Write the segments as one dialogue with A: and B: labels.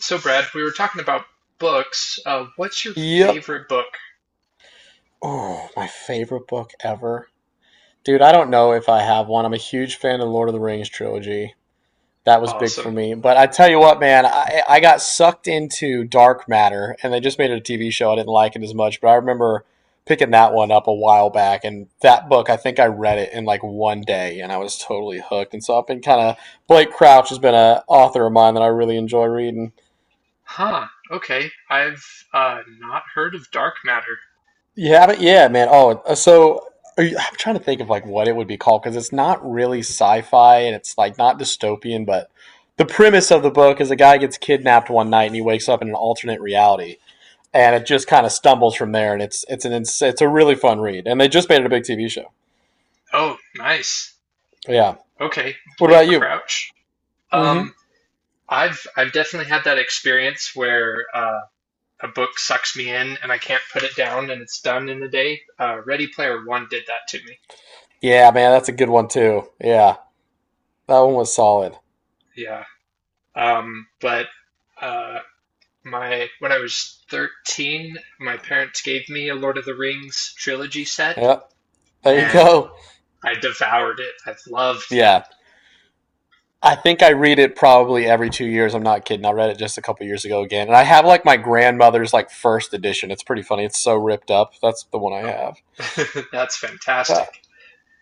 A: So, Brad, we were talking about books. What's your
B: Yep.
A: favorite book?
B: Oh, my favorite book ever. Dude, I don't know if I have one. I'm a huge fan of the Lord of the Rings trilogy. That was big for
A: Awesome.
B: me. But I tell you what, man, I got sucked into Dark Matter, and they just made it a TV show. I didn't like it as much, but I remember picking that one up a while back. And that book, I think I read it in like one day, and I was totally hooked. And so I've been kind of, Blake Crouch has been an author of mine that I really enjoy reading.
A: Huh. Okay. I've not heard of Dark Matter.
B: Yeah, but yeah, man. Oh, so are you, I'm trying to think of like what it would be called because it's not really sci-fi and it's like not dystopian, but the premise of the book is a guy gets kidnapped one night and he wakes up in an alternate reality, and it just kind of stumbles from there. And it's a really fun read, and they just made it a big TV show.
A: Oh, nice.
B: Yeah.
A: Okay.
B: What
A: Blake
B: about you?
A: Crouch. Um,
B: Mm-hmm.
A: I've definitely had that experience where a book sucks me in and I can't put it down and it's done in a day. Ready Player One did that to me.
B: Yeah, man, that's a good one too. Yeah, that one was solid.
A: Yeah. But uh, my When I was 13, my parents gave me a Lord of the Rings trilogy set,
B: Yep. There you
A: and
B: go.
A: I devoured it. I've loved
B: Yeah. I think I read it probably every 2 years. I'm not kidding. I read it just a couple years ago again, and I have like my grandmother's like first edition. It's pretty funny. It's so ripped up. That's the one I have.
A: that. That's fantastic.
B: Yeah.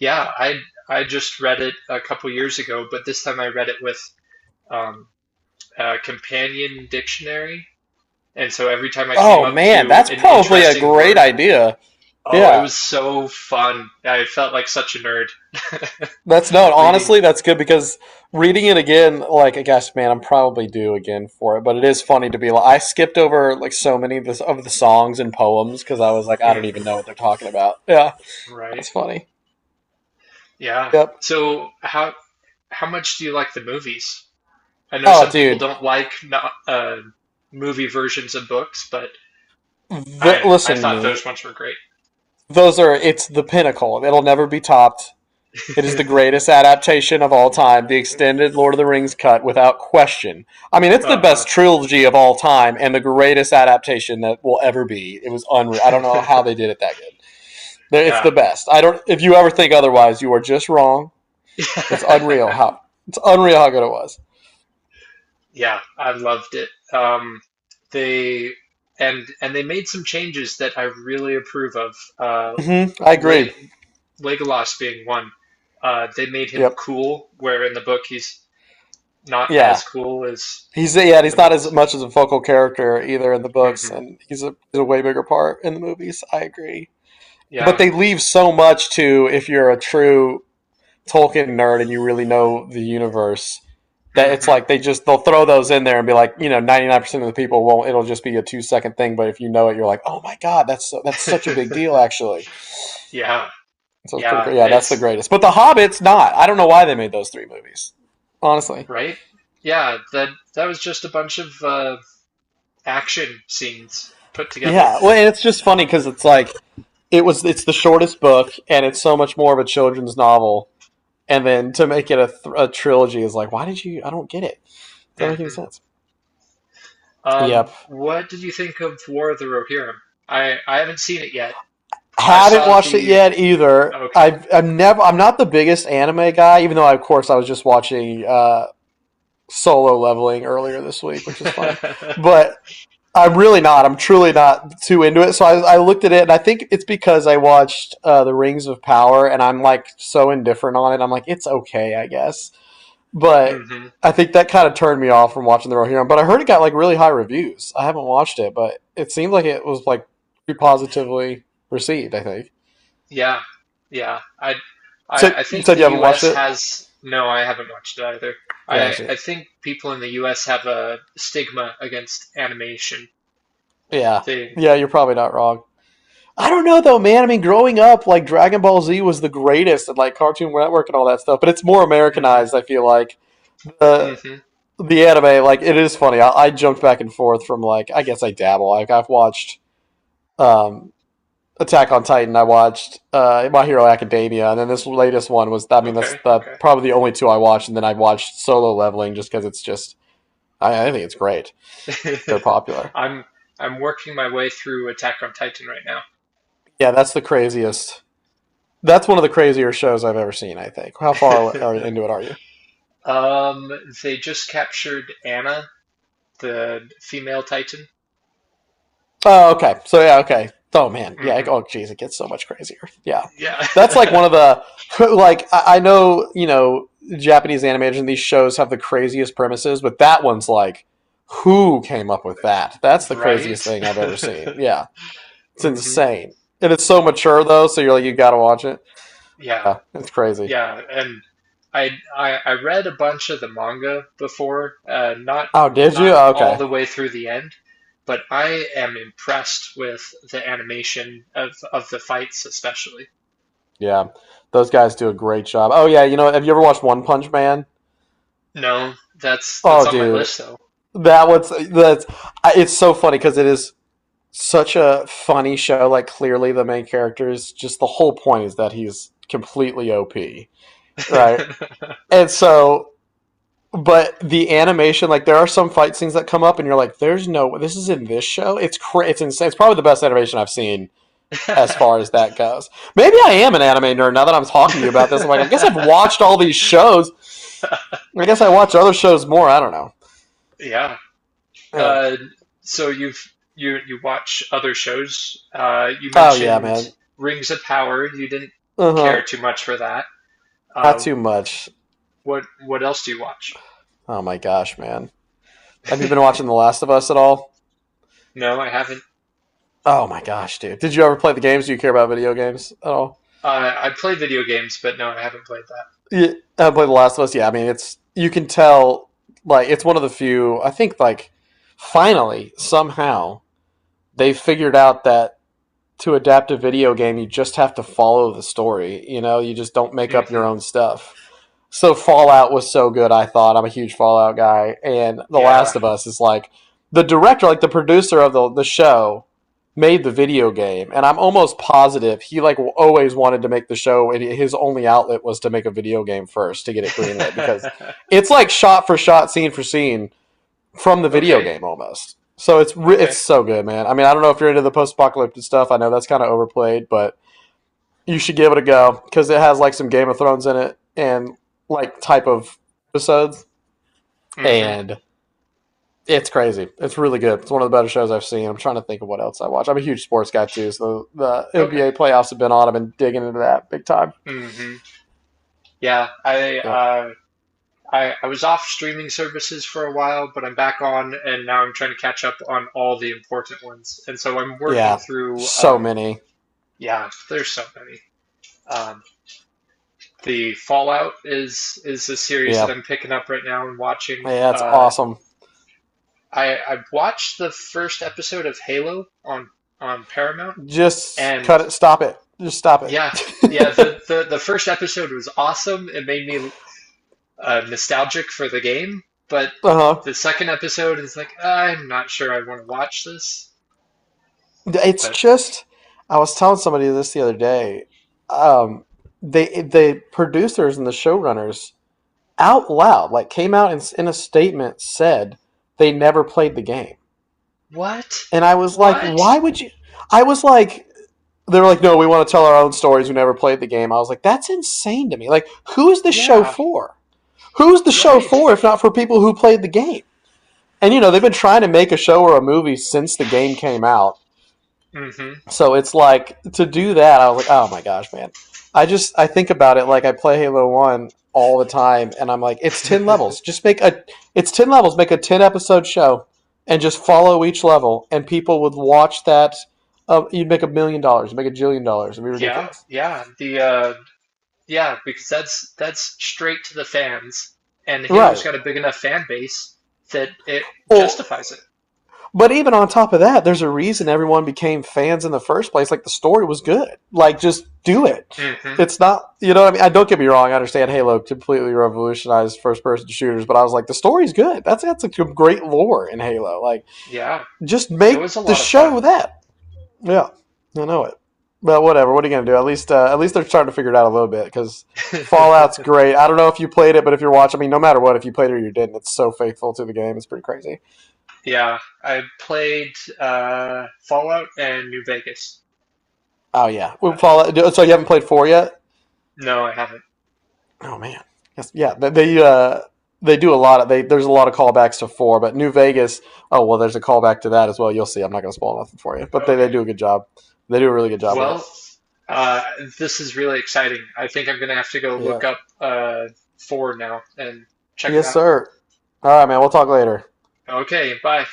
A: Yeah, I just read it a couple years ago, but this time I read it with um, a companion dictionary, and so every time I came
B: Oh
A: up
B: man,
A: to
B: that's
A: an
B: probably a
A: interesting
B: great
A: word,
B: idea.
A: oh, it
B: Yeah,
A: was so fun. I felt like such a nerd
B: that's no.
A: reading.
B: Honestly, that's good because reading it again, like I guess, man, I'm probably due again for it. But it is funny to be like I skipped over like so many of the songs and poems because I was like I don't even
A: Mhm.
B: know what they're talking about. Yeah,
A: Right.
B: that's funny.
A: Yeah.
B: Yep.
A: So how much do you like the movies? I know
B: Oh,
A: some people
B: dude,
A: don't like movie versions of books, but I
B: listen to
A: thought
B: me.
A: those ones were great.
B: Those are It's the pinnacle. It'll never be topped. It is the greatest adaptation of all time, the extended Lord of the Rings cut without question. I mean, it's the
A: Uh
B: best trilogy of all time and the greatest adaptation that will ever be. It was unreal. I don't know
A: huh.
B: how they did it that good. It's
A: yeah.
B: the best. I don't if you ever think otherwise, you are just wrong. It's unreal how it's unreal how good it was.
A: yeah, I loved it. They And they made some changes that I really approve of.
B: I
A: Le
B: agree.
A: Legolas being one. They made him
B: Yep.
A: cool, where in the book he's not
B: Yeah.
A: as cool as
B: He's Yeah,
A: in
B: he's
A: the
B: not as
A: movies.
B: much as a focal character either in the books
A: Hmm.
B: and he's a way bigger part in the movies. I agree. But
A: Yeah.
B: they leave so much to if you're a true Tolkien nerd and you really know the universe that it's
A: Hmm.
B: like they just they'll throw those in there and be like, you know, 99% of the people won't it'll just be a 2-second thing, but if you know it you're like, "Oh my god, that's so, that's such a big deal actually."
A: Yeah.
B: So it's pretty
A: Yeah.
B: great. Yeah, that's the
A: It's
B: greatest. But The Hobbit's not. I don't know why they made those 3 movies. Honestly.
A: Right. Yeah. That was just a bunch of action scenes put together.
B: Yeah, well, and it's just funny cuz it's like it's the shortest book and it's so much more of a children's novel, and then to make it a trilogy is like, "Why did you I don't get it." Does that make any
A: Mm-hmm.
B: sense? Yep.
A: What did you think of War of the Rohirrim? I haven't seen it yet. I
B: Haven't
A: saw
B: watched it
A: the
B: yet either.
A: Okay.
B: I'm never. I'm not the biggest anime guy, even though of course I was just watching Solo Leveling earlier this week, which is funny. But I'm really not. I'm truly not too into it. So I looked at it, and I think it's because I watched The Rings of Power, and I'm like so indifferent on it. I'm like, it's okay, I guess. But
A: Hmm.
B: I think that kind of turned me off from watching the Rohirrim. But I heard it got like really high reviews. I haven't watched it, but it seemed like it was like pretty positively received. I think.
A: Yeah, yeah. I,
B: So
A: I I
B: you
A: think
B: said
A: the
B: you haven't watched
A: U.S.
B: it.
A: has no. I haven't watched it either. I
B: Gotcha.
A: I think people in the U.S. have a stigma against animation.
B: Yeah,
A: They.
B: yeah, you're probably not wrong. I don't know though, man. I mean, growing up, like Dragon Ball Z was the greatest, and like Cartoon Network and all that stuff. But it's more
A: Hmm.
B: Americanized. I feel like the
A: Hmm.
B: the anime, like it is funny. I jumped back and forth from like I guess I dabble. Like I've watched um, Attack on Titan I watched, My Hero Academia, and then this latest one was. I mean, that's
A: Okay.
B: the
A: Okay.
B: probably the only two I watched, and then I watched Solo Leveling just because it's just. I think it's great. Very popular.
A: I'm I'm working my way through Attack on Titan right
B: Yeah, that's the craziest. That's one of the crazier shows I've ever seen. I think. How far
A: now.
B: are, into it are you?
A: Um, they just captured Anna, the female Titan.
B: Oh, okay. So yeah, okay. Oh man, yeah. Like,
A: Hmm.
B: oh, geez, it gets so much crazier. Yeah,
A: Yeah.
B: that's like one of the like I know you know Japanese animation. These shows have the craziest premises, but that one's like, who came up with that? That's the craziest
A: right.
B: thing I've ever seen. Yeah, it's
A: Hmm.
B: insane, and it's so mature though. So you're like, you got to watch it.
A: Yeah.
B: Yeah, it's crazy.
A: Yeah. And I, I read a bunch of the manga before, not
B: Oh, did you?
A: not
B: Oh,
A: all
B: okay.
A: the way through the end, but I am impressed with the animation of the fights especially.
B: Yeah, those guys do a great job. Oh yeah, you know, have you ever watched One Punch Man?
A: No, that's
B: Oh,
A: on my
B: dude,
A: list though.
B: that one's that's I- it's so funny because it is such a funny show. Like clearly the main character is just the whole point is that he's completely OP, right? And so, but the animation, like there are some fight scenes that come up, and you're like, "There's no this is in this show." It's insane. It's probably the best animation I've seen as far as that goes. Maybe I am an anime nerd now that I'm talking to you about this. I'm like, I guess I've watched all these shows. I guess I watch other shows more. I don't know.
A: Yeah,
B: Yeah.
A: uh, so you've you watch other shows. You
B: Oh yeah,
A: mentioned
B: man.
A: Rings of Power. You didn't
B: Uh
A: care
B: huh.
A: too much for that.
B: Not
A: Uh,
B: too much.
A: what else do you watch?
B: Oh my gosh, man. Have you been watching The Last of Us at all?
A: No, I haven't.
B: Oh my gosh, dude! Did you ever play the games? Do you care about video games at all?
A: I play video games, but no, I haven't played
B: Yeah, I played The Last of Us. Yeah, I mean, it's you can tell like it's one of the few. I think like finally somehow they figured out that to adapt a video game, you just have to follow the story. You know, you just don't make
A: that.
B: up your
A: Hmm.
B: own stuff. So Fallout was so good, I thought. I'm a huge Fallout guy, and The
A: Yeah.
B: Last of Us is like the director, like the producer of the show, made the video game, and I'm almost positive he like always wanted to make the show, and his only outlet was to make a video game first to get it greenlit because it's like shot for shot, scene for scene from the video
A: okay.
B: game almost. So it's
A: Okay.
B: so good, man. I mean, I don't know if you're into the post apocalyptic stuff. I know that's kind of overplayed, but you should give it a go because it has like some Game of Thrones in it and like type of episodes,
A: Hmm.
B: and it's crazy. It's really good. It's one of the better shows I've seen. I'm trying to think of what else I watch. I'm a huge sports guy too, so the
A: Okay.
B: NBA playoffs have been on. I've been digging into that big time.
A: Hmm. Yeah. I
B: Yep.
A: uh, I I was off streaming services for a while, but I'm back on, and now I'm trying to catch up on all the important ones. And so I'm working
B: Yeah.
A: through
B: So many.
A: yeah, there's so many. Um, the Fallout is a series that
B: Yeah.
A: I'm picking up right now and watching.
B: Yeah, that's awesome.
A: I watched the first episode of Halo on Paramount,
B: Just
A: and
B: cut it. Stop it. Just stop
A: yeah, yeah, the
B: it.
A: the, the first episode was awesome. It made me nostalgic for the game, but
B: uh huh.
A: the second episode is like I'm not sure I want to watch this.
B: It's
A: But
B: just, I was telling somebody this the other day. Um, the producers and the showrunners out loud like came out and in a statement said they never played the game,
A: what?
B: and I was like,
A: What?
B: why would you? I was like, they were like, no, we want to tell our own stories. We never played the game. I was like, that's insane to me. Like, who is this show
A: Yeah,
B: for? Who's the show
A: right.
B: for if not for people who played the game? And you know, they've been trying to make a show or a movie since the game came out.
A: Hmm.
B: So it's like to do that, I was like, oh my gosh, man. I just I think about it like I play Halo One all the time, and I'm like, it's ten levels. Just make a It's 10 levels. Make a 10 episode show, and just follow each level, and people would watch that. You'd make $1 million, make a jillion dollars. It'd be
A: yeah,
B: ridiculous,
A: yeah. The yeah, because that's straight to the fans, and Halo's
B: right?
A: got a big enough fan base that it
B: Well,
A: justifies
B: but even on top of that, there's a reason everyone became fans in the first place. Like the story was good. Like just do it.
A: it. Hmm.
B: It's not, you know what I mean? I don't get me wrong. I understand Halo completely revolutionized first person shooters, but I was like, the story's good. That's a great lore in Halo. Like
A: Yeah,
B: just
A: it was a
B: make the
A: lot of fun.
B: show that. Yeah, I know it. But whatever. What are you gonna do? At least they're starting to figure it out a little bit because Fallout's great. I don't know if you played it, but if you're watching, I mean, no matter what, if you played it or you didn't, it's so faithful to the game. It's pretty crazy.
A: Yeah, I played Fallout and New Vegas.
B: Oh yeah,
A: Uh,
B: well, Fallout. So you haven't played four yet?
A: No, I haven't.
B: Oh man, yes, yeah. They do a lot of they. There's a lot of callbacks to four, but New Vegas. Oh well, there's a callback to that as well. You'll see. I'm not going to spoil nothing for you, but they
A: Okay.
B: they do a good job. They do a really good job with it.
A: Well, uh, this is really exciting. I think I'm gonna have to go
B: Yeah.
A: look up four now and check it
B: Yes,
A: out.
B: sir. All right, man. We'll talk later.
A: Okay, bye.